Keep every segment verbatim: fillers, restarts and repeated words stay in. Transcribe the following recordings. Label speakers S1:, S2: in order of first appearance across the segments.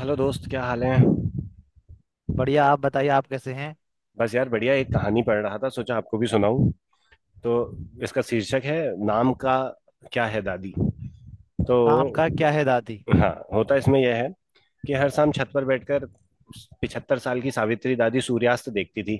S1: Hello दोस्त, क्या हाल है।
S2: बढ़िया। आप बताइए आप कैसे हैं।
S1: बस यार, बढ़िया। एक कहानी पढ़ रहा था, सोचा आपको भी सुनाऊं। तो इसका शीर्षक है, नाम का क्या है दादी। तो
S2: आम का क्या है दादी।
S1: हाँ, होता इसमें यह है कि हर शाम छत पर बैठकर पिछहत्तर साल की सावित्री दादी सूर्यास्त देखती थी।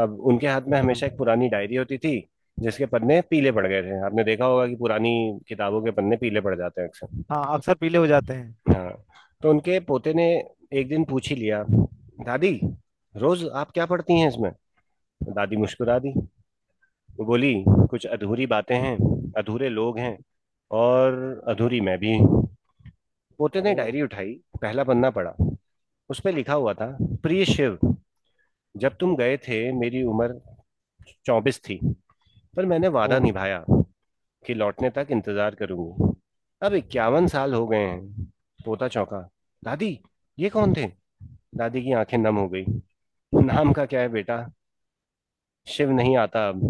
S1: अब उनके हाथ में
S2: बिल्कुल।
S1: हमेशा एक पुरानी डायरी होती थी जिसके पन्ने पीले पड़ गए थे। आपने देखा होगा कि पुरानी किताबों के पन्ने पीले पड़ जाते हैं अक्सर।
S2: हाँ अक्सर पीले हो जाते हैं।
S1: हाँ। तो उनके पोते ने एक दिन पूछ ही लिया, दादी रोज आप क्या पढ़ती हैं इसमें। दादी मुस्कुरा दी। वो बोली, कुछ अधूरी बातें हैं, अधूरे लोग हैं, और अधूरी मैं भी हूँ। पोते ने
S2: ओ।
S1: डायरी उठाई, पहला पन्ना पढ़ा। उस पर लिखा हुआ था, प्रिय शिव, जब तुम गए थे मेरी उम्र चौबीस थी, पर मैंने
S2: ओ।
S1: वादा निभाया कि लौटने तक इंतजार करूंगी। अब इक्यावन साल हो गए हैं। पोता चौंका, दादी ये कौन थे। दादी की आंखें नम हो गई। नाम का क्या है बेटा, शिव नहीं आता अब,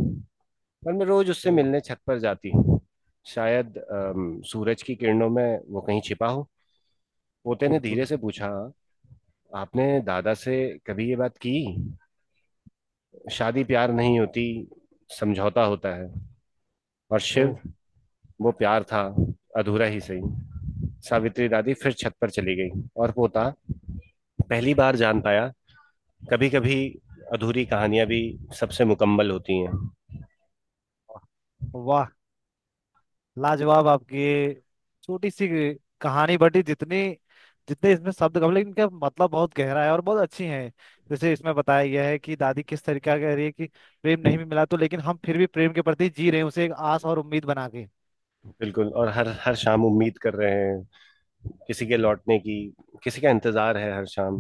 S1: पर मैं रोज उससे
S2: ओ।
S1: मिलने छत पर जाती। शायद अम, सूरज की किरणों में वो कहीं छिपा हो। पोते ने धीरे
S2: बिल्कुल।
S1: से पूछा, आपने दादा से कभी ये बात की। शादी प्यार नहीं होती, समझौता होता है। और
S2: ओ।
S1: शिव, वो प्यार था, अधूरा ही सही। सावित्री दादी फिर छत पर चली गई और पोता पहली बार जान पाया, कभी कभी अधूरी कहानियां भी सबसे मुकम्मल होती हैं।
S2: वाह। लाजवाब आपकी छोटी सी कहानी बटी जितनी जितने इसमें शब्द कम लेकिन इनका मतलब बहुत गहरा है और बहुत अच्छी है। जैसे इसमें बताया गया है कि दादी किस तरीका कह रही है कि प्रेम नहीं भी मिला तो लेकिन हम फिर भी प्रेम के प्रति जी रहे हैं उसे एक आस और उम्मीद बना के।
S1: बिल्कुल। और हर हर शाम उम्मीद कर रहे हैं किसी के लौटने की। किसी का इंतजार है हर शाम,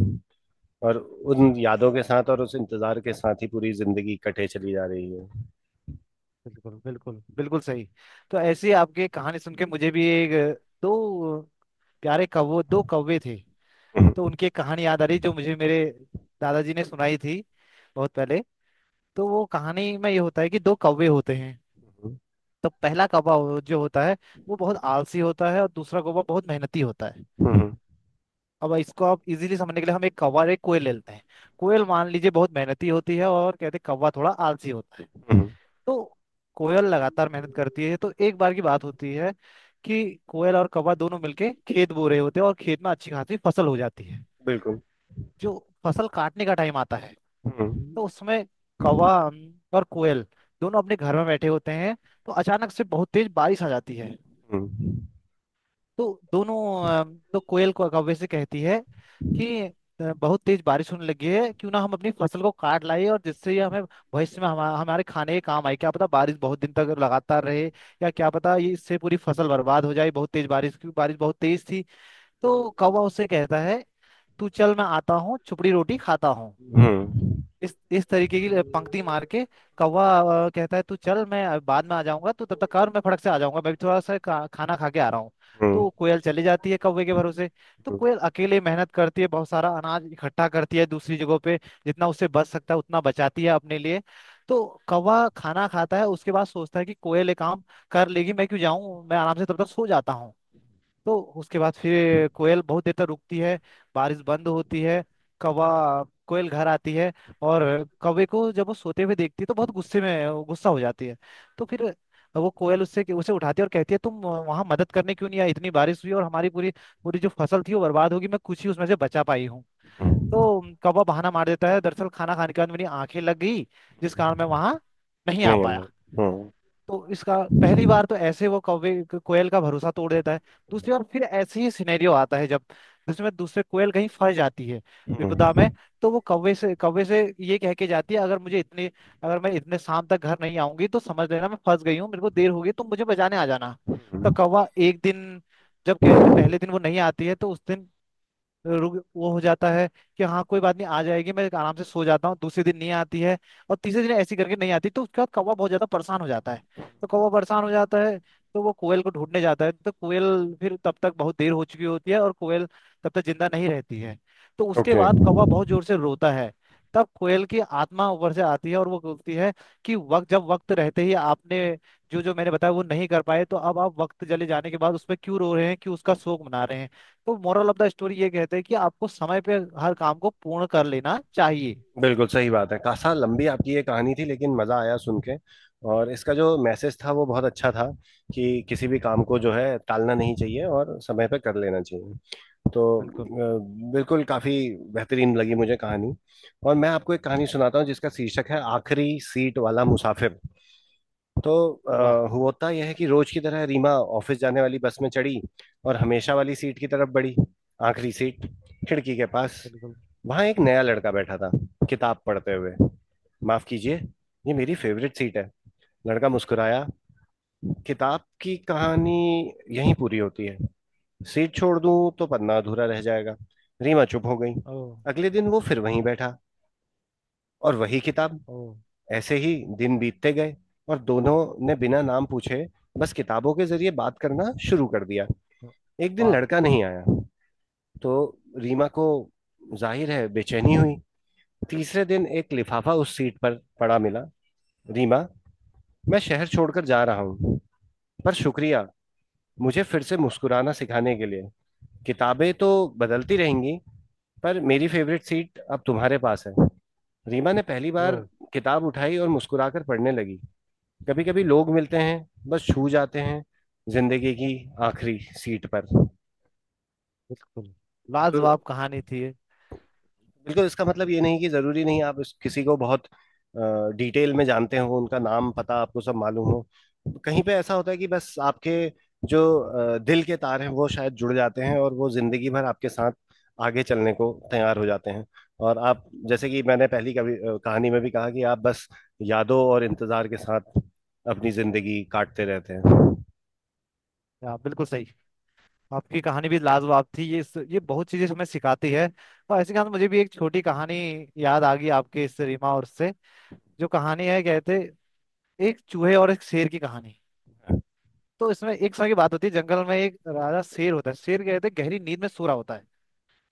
S1: और उन
S2: अच्छा।
S1: यादों के साथ और उस इंतजार के साथ ही पूरी जिंदगी कटे चली जा रही है।
S2: बिल्कुल बिल्कुल बिल्कुल सही। तो ऐसी आपकी कहानी सुन के मुझे भी एक दो प्यारे कौवे दो कौवे थे। तो
S1: हम्म।
S2: उनकी एक कहानी याद आ रही जो मुझे मेरे दादाजी ने सुनाई थी बहुत पहले। तो वो कहानी में ये होता है कि दो कौवे होते हैं। तो पहला कौवा हो- जो होता है वो बहुत आलसी होता है और दूसरा कौवा बहुत मेहनती होता है।
S1: हम्म। हम्म।
S2: अब इसको आप इजीली समझने के लिए हम एक कौवा और एक कोयल ले लेते हैं। कोयल मान लीजिए बहुत मेहनती होती है और कहते हैं कौवा थोड़ा आलसी होता है।
S1: हम्म।
S2: तो कोयल लगातार मेहनत करती है तो एक बार की बात होती है कि कोयल और कौवा दोनों मिलके खेत बो रहे होते हैं और खेत में अच्छी खासी फसल हो जाती है।
S1: बिल्कुल।
S2: जो फसल काटने का टाइम आता है।
S1: हम्म।
S2: तो उस समय कौवा अम, और कोयल दोनों अपने घर में बैठे होते हैं। तो अचानक से बहुत तेज बारिश आ जाती है।
S1: हम्म।
S2: तो दोनों अम, तो कोयल को कौवे से कहती है कि अ, बहुत तेज बारिश होने लगी है क्यों ना हम अपनी फसल को काट लाए और जिससे ये हमें भविष्य में हमा, हमारे खाने के काम आए क्या पता बारिश बहुत दिन तक लगातार रहे या क्या पता ये इससे पूरी फसल बर्बाद हो जाए बहुत तेज बारिश क्योंकि बारिश बहुत तेज थी। तो कौवा उससे कहता है तू चल मैं आता हूँ छुपड़ी रोटी खाता हूँ।
S1: हम्म।
S2: इस इस तरीके की पंक्ति मार के कौवा अ, कहता है तू चल मैं अ, बाद में आ जाऊंगा तू तब तक कर मैं फटक से आ जाऊंगा मैं भी थोड़ा सा खा, खाना खा के आ रहा हूँ।
S1: हम्म।
S2: तो कोयल चली जाती है कौवे के भरोसे। तो कोयल अकेले मेहनत करती है बहुत सारा अनाज इकट्ठा करती है दूसरी जगहों पे जितना उससे बच सकता है उतना बचाती है अपने लिए। तो कौवा खाना खाता है उसके बाद सोचता है कि कोयल ये काम कर लेगी मैं क्यों जाऊं मैं आराम से तब तक सो जाता हूँ। तो उसके बाद फिर कोयल बहुत देर तक रुकती है। बारिश बंद होती है। कौवा कोयल घर आती है और कौवे को जब वो सोते हुए देखती है तो बहुत गुस्से में गुस्सा हो जाती है। तो फिर वो कोयल उससे उसे उठाती है और कहती है तुम वहां मदद करने क्यों नहीं आई इतनी बारिश हुई और हमारी पूरी पूरी जो फसल थी वो बर्बाद होगी मैं कुछ ही उसमें से बचा पाई हूँ।
S1: हम्म।
S2: तो कौवा बहाना मार देता है दरअसल खाना खाने के बाद मेरी आंखें लग गई जिस कारण मैं वहां नहीं आ
S1: नहीं
S2: पाया।
S1: अन्ना। हम्म।
S2: तो इसका पहली बार तो ऐसे वो कौवे कोयल का भरोसा तोड़ देता है। दूसरी बार फिर ऐसे ही सिनेरियो आता है जब जिसमें दूसरे कोयल कहीं फंस जाती है विपदा
S1: हम्म।
S2: में। तो वो कौवे से कौवे से ये कह के जाती है अगर मुझे इतने अगर मैं इतने शाम तक घर नहीं आऊंगी तो समझ लेना मैं फंस गई हूँ मेरे को देर हो गई तो मुझे बचाने आ जाना। तो
S1: हम्म।
S2: कौवा एक दिन जब कहते पहले दिन वो नहीं आती है तो उस दिन रुक वो हो जाता है कि हाँ कोई बात नहीं आ जाएगी मैं आराम से सो जाता हूँ दूसरे दिन नहीं आती है और तीसरे दिन ऐसी करके नहीं आती तो उसके बाद कौवा बहुत ज्यादा परेशान हो जाता है। तो कौवा परेशान हो जाता है। तो वो कोयल को ढूंढने जाता है तो कोयल फिर तब तक बहुत देर हो चुकी होती है और कोयल तब तक जिंदा नहीं रहती है। तो उसके
S1: ओके।
S2: बाद कौवा बहुत जोर से रोता है। तब कोयल की आत्मा ऊपर से आती है और वो बोलती है कि वक्त जब वक्त रहते ही आपने जो जो मैंने बताया वो नहीं कर पाए तो अब आप वक्त चले जाने के बाद उस पर क्यों रो रहे हैं क्यों उसका शोक मना रहे हैं। तो मोरल ऑफ द स्टोरी ये कहते हैं कि आपको समय पे हर काम को पूर्ण कर लेना चाहिए।
S1: बिल्कुल सही बात है। कासा लंबी आपकी ये कहानी थी, लेकिन मजा आया सुन के। और इसका जो मैसेज था वो बहुत अच्छा था कि किसी भी काम को जो है टालना नहीं चाहिए और समय पे कर लेना चाहिए। तो
S2: बिल्कुल।
S1: अ, बिल्कुल काफी बेहतरीन लगी मुझे कहानी। और मैं आपको एक कहानी सुनाता हूँ जिसका शीर्षक है आखिरी सीट वाला मुसाफिर। तो
S2: वाह।
S1: अ, होता यह है कि रोज की तरह रीमा ऑफिस जाने वाली बस में चढ़ी और हमेशा वाली सीट की तरफ बढ़ी। आखिरी सीट, खिड़की के पास।
S2: बिल्कुल।
S1: वहां एक नया लड़का बैठा था, किताब पढ़ते हुए। माफ कीजिए, ये मेरी फेवरेट सीट है। लड़का मुस्कुराया, किताब की कहानी यहीं पूरी होती है, सीट छोड़ दूं तो पन्ना अधूरा रह जाएगा। रीमा चुप हो गई।
S2: ओ।
S1: अगले दिन वो फिर वहीं बैठा, और वही किताब।
S2: ओ।
S1: ऐसे ही दिन बीतते गए, और दोनों ने बिना नाम पूछे बस किताबों के जरिए बात करना शुरू कर दिया। एक दिन
S2: वाह।
S1: लड़का नहीं आया। तो रीमा को जाहिर है बेचैनी हुई। तीसरे दिन एक लिफाफा उस सीट पर पड़ा मिला। रीमा, मैं शहर छोड़कर जा रहा हूँ, पर शुक्रिया मुझे फिर से मुस्कुराना सिखाने के लिए। किताबें तो बदलती रहेंगी, पर मेरी फेवरेट सीट अब तुम्हारे पास है। रीमा ने पहली
S2: ओ।
S1: बार किताब उठाई और मुस्कुराकर पढ़ने लगी। कभी कभी लोग मिलते हैं, बस छू जाते हैं, जिंदगी की आखिरी सीट पर।
S2: बिल्कुल।
S1: तो
S2: लाजवाब कहानी थी ये।
S1: बिल्कुल, इसका मतलब ये नहीं कि जरूरी नहीं आप इस किसी को बहुत डिटेल में जानते हो, उनका नाम पता आपको सब मालूम हो। कहीं पे ऐसा होता है कि बस आपके जो अ, दिल के तार हैं वो शायद जुड़ जाते हैं और वो जिंदगी भर आपके साथ आगे चलने को तैयार हो जाते हैं। और आप जैसे कि मैंने पहली कवि अ, कहानी में भी कहा कि आप बस यादों और इंतजार के साथ अपनी जिंदगी काटते रहते हैं। हम्म।
S2: या, बिल्कुल सही। आपकी कहानी भी लाजवाब थी ये इस- ये बहुत चीजें हमें सिखाती है। और ऐसे के साथ मुझे भी एक छोटी कहानी याद आ गई आपके इस रीमा और से जो कहानी है कहते एक चूहे और एक शेर की कहानी। तो इसमें एक समय की बात होती है जंगल में एक राजा शेर होता है शेर कहते गहरी नींद में सो रहा होता है।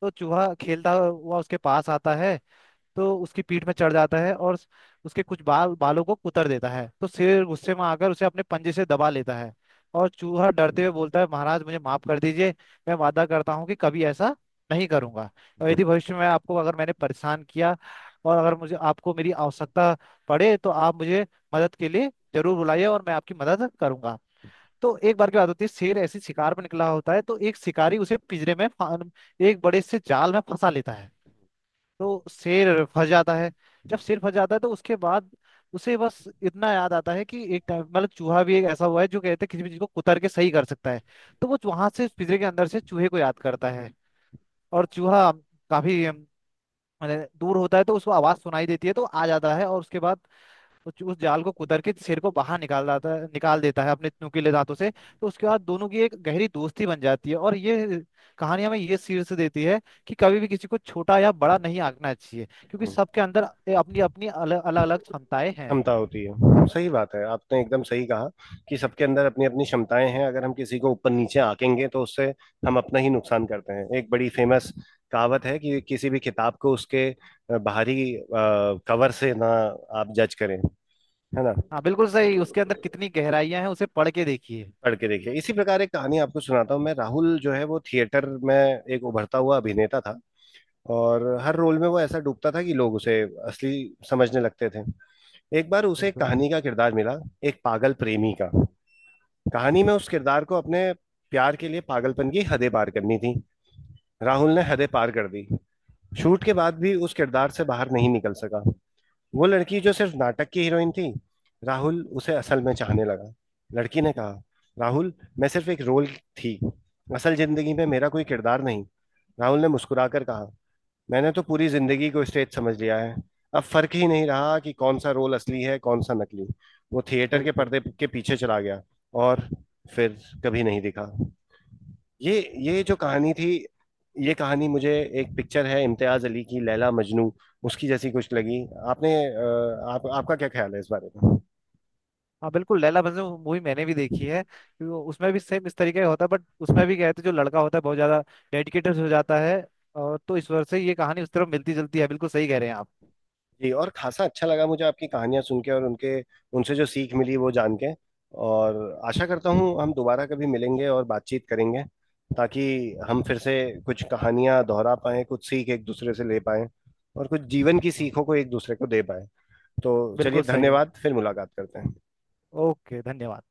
S2: तो चूहा खेलता हुआ उसके पास आता है तो उसकी पीठ में चढ़ जाता है और उसके कुछ बाल बालों को कुतर देता है तो शेर गुस्से में आकर उसे अपने पंजे से दबा लेता है। और चूहा डरते हुए बोलता है महाराज मुझे माफ कर दीजिए मैं वादा करता हूँ कि कभी ऐसा नहीं करूंगा। और यदि भविष्य में आपको अगर मैंने परेशान किया और अगर मुझे आपको मेरी आवश्यकता पड़े तो आप मुझे मदद के लिए जरूर बुलाइए और मैं आपकी मदद करूंगा। तो एक बार की बात होती है शेर ऐसी शिकार पर निकला होता है तो एक शिकारी उसे पिंजरे में फा- एक बड़े से जाल में फंसा लेता है। तो शेर फंस जाता है। जब शेर फंस जाता है तो उसके बाद उसे बस इतना याद आता है कि एक टाइम मतलब चूहा भी एक ऐसा हुआ है जो कहते हैं किसी भी चीज को कुतर के सही कर सकता है। तो वो वहां से पिंजरे के अंदर से चूहे को याद करता है। और चूहा काफी अम, मतलब दूर होता है तो उसको आवाज सुनाई देती है तो आ जाता है और उसके बाद उस उस जाल को कुतर के सिर को बाहर निकाल देता है निकाल देता है अपने नुकीले दांतों से तो उसके बाद दोनों की एक गहरी दोस्ती बन जाती है और ये कहानी हमें ये शीर्ष देती है कि कभी भी किसी को छोटा या बड़ा नहीं आंकना चाहिए क्योंकि
S1: हम्म।
S2: सबके अंदर ए- अपनी अपनी अलग अलग अलग क्षमताएं हैं।
S1: क्षमता होती है। सही बात है, आपने एकदम सही कहा कि सबके अंदर अपनी अपनी क्षमताएं हैं। अगर हम किसी को ऊपर नीचे आंकेंगे तो उससे हम अपना ही नुकसान करते हैं। एक बड़ी फेमस कहावत है कि किसी भी किताब को उसके अ, बाहरी कवर से ना आप जज करें, है ना।
S2: हाँ बिल्कुल सही उसके अंदर कितनी गहराइयां हैं उसे पढ़ के देखिए।
S1: पढ़ के देखिए। इसी प्रकार एक कहानी आपको सुनाता हूँ। मैं राहुल, जो है वो थिएटर में एक उभरता हुआ अभिनेता था, और हर रोल में वो ऐसा डूबता था कि लोग उसे असली समझने लगते थे। एक बार उसे एक
S2: बिल्कुल।
S1: कहानी का किरदार मिला, एक पागल प्रेमी का। कहानी में उस किरदार को अपने प्यार के लिए पागलपन की हदें पार करनी थी। राहुल ने हदें पार कर दी। शूट के बाद भी उस किरदार से बाहर नहीं निकल सका। वो लड़की जो सिर्फ नाटक की हीरोइन थी, राहुल उसे असल में चाहने लगा। लड़की ने कहा, राहुल, मैं सिर्फ एक रोल थी, असल जिंदगी में मेरा कोई किरदार नहीं। राहुल ने मुस्कुराकर कहा, मैंने तो पूरी जिंदगी को स्टेज समझ लिया है, अब फर्क ही नहीं रहा कि कौन सा रोल असली है कौन सा नकली। वो थिएटर के
S2: बिल्कुल।
S1: पर्दे के पीछे चला गया और फिर कभी नहीं दिखा। ये ये जो कहानी थी, ये कहानी मुझे एक पिक्चर है, इम्तियाज अली की लैला मजनू, उसकी जैसी कुछ लगी। आपने अ, आप आपका क्या ख्याल है इस बारे में।
S2: हाँ बिल्कुल लैला मजनू मूवी मैंने भी देखी है। वो- उसमें भी सेम इस तरीके का होता है बट उसमें भी कहते जो लड़का होता है बहुत ज्यादा डेडिकेटेड हो जाता है। और तो ईश्वर से ये कहानी उस तरफ मिलती जुलती है बिल्कुल सही कह रहे हैं आप।
S1: जी, और खासा अच्छा लगा मुझे आपकी कहानियां सुन के, और उनके उनसे जो सीख मिली वो जान के। और आशा करता हूँ हम दोबारा कभी मिलेंगे और बातचीत करेंगे, ताकि हम फिर से कुछ कहानियां दोहरा पाएं, कुछ सीख एक दूसरे से ले पाएं, और कुछ जीवन की
S2: हाँ
S1: सीखों को एक दूसरे को दे पाएं। तो चलिए,
S2: बिल्कुल सही है।
S1: धन्यवाद, फिर मुलाकात करते हैं।
S2: ओके धन्यवाद।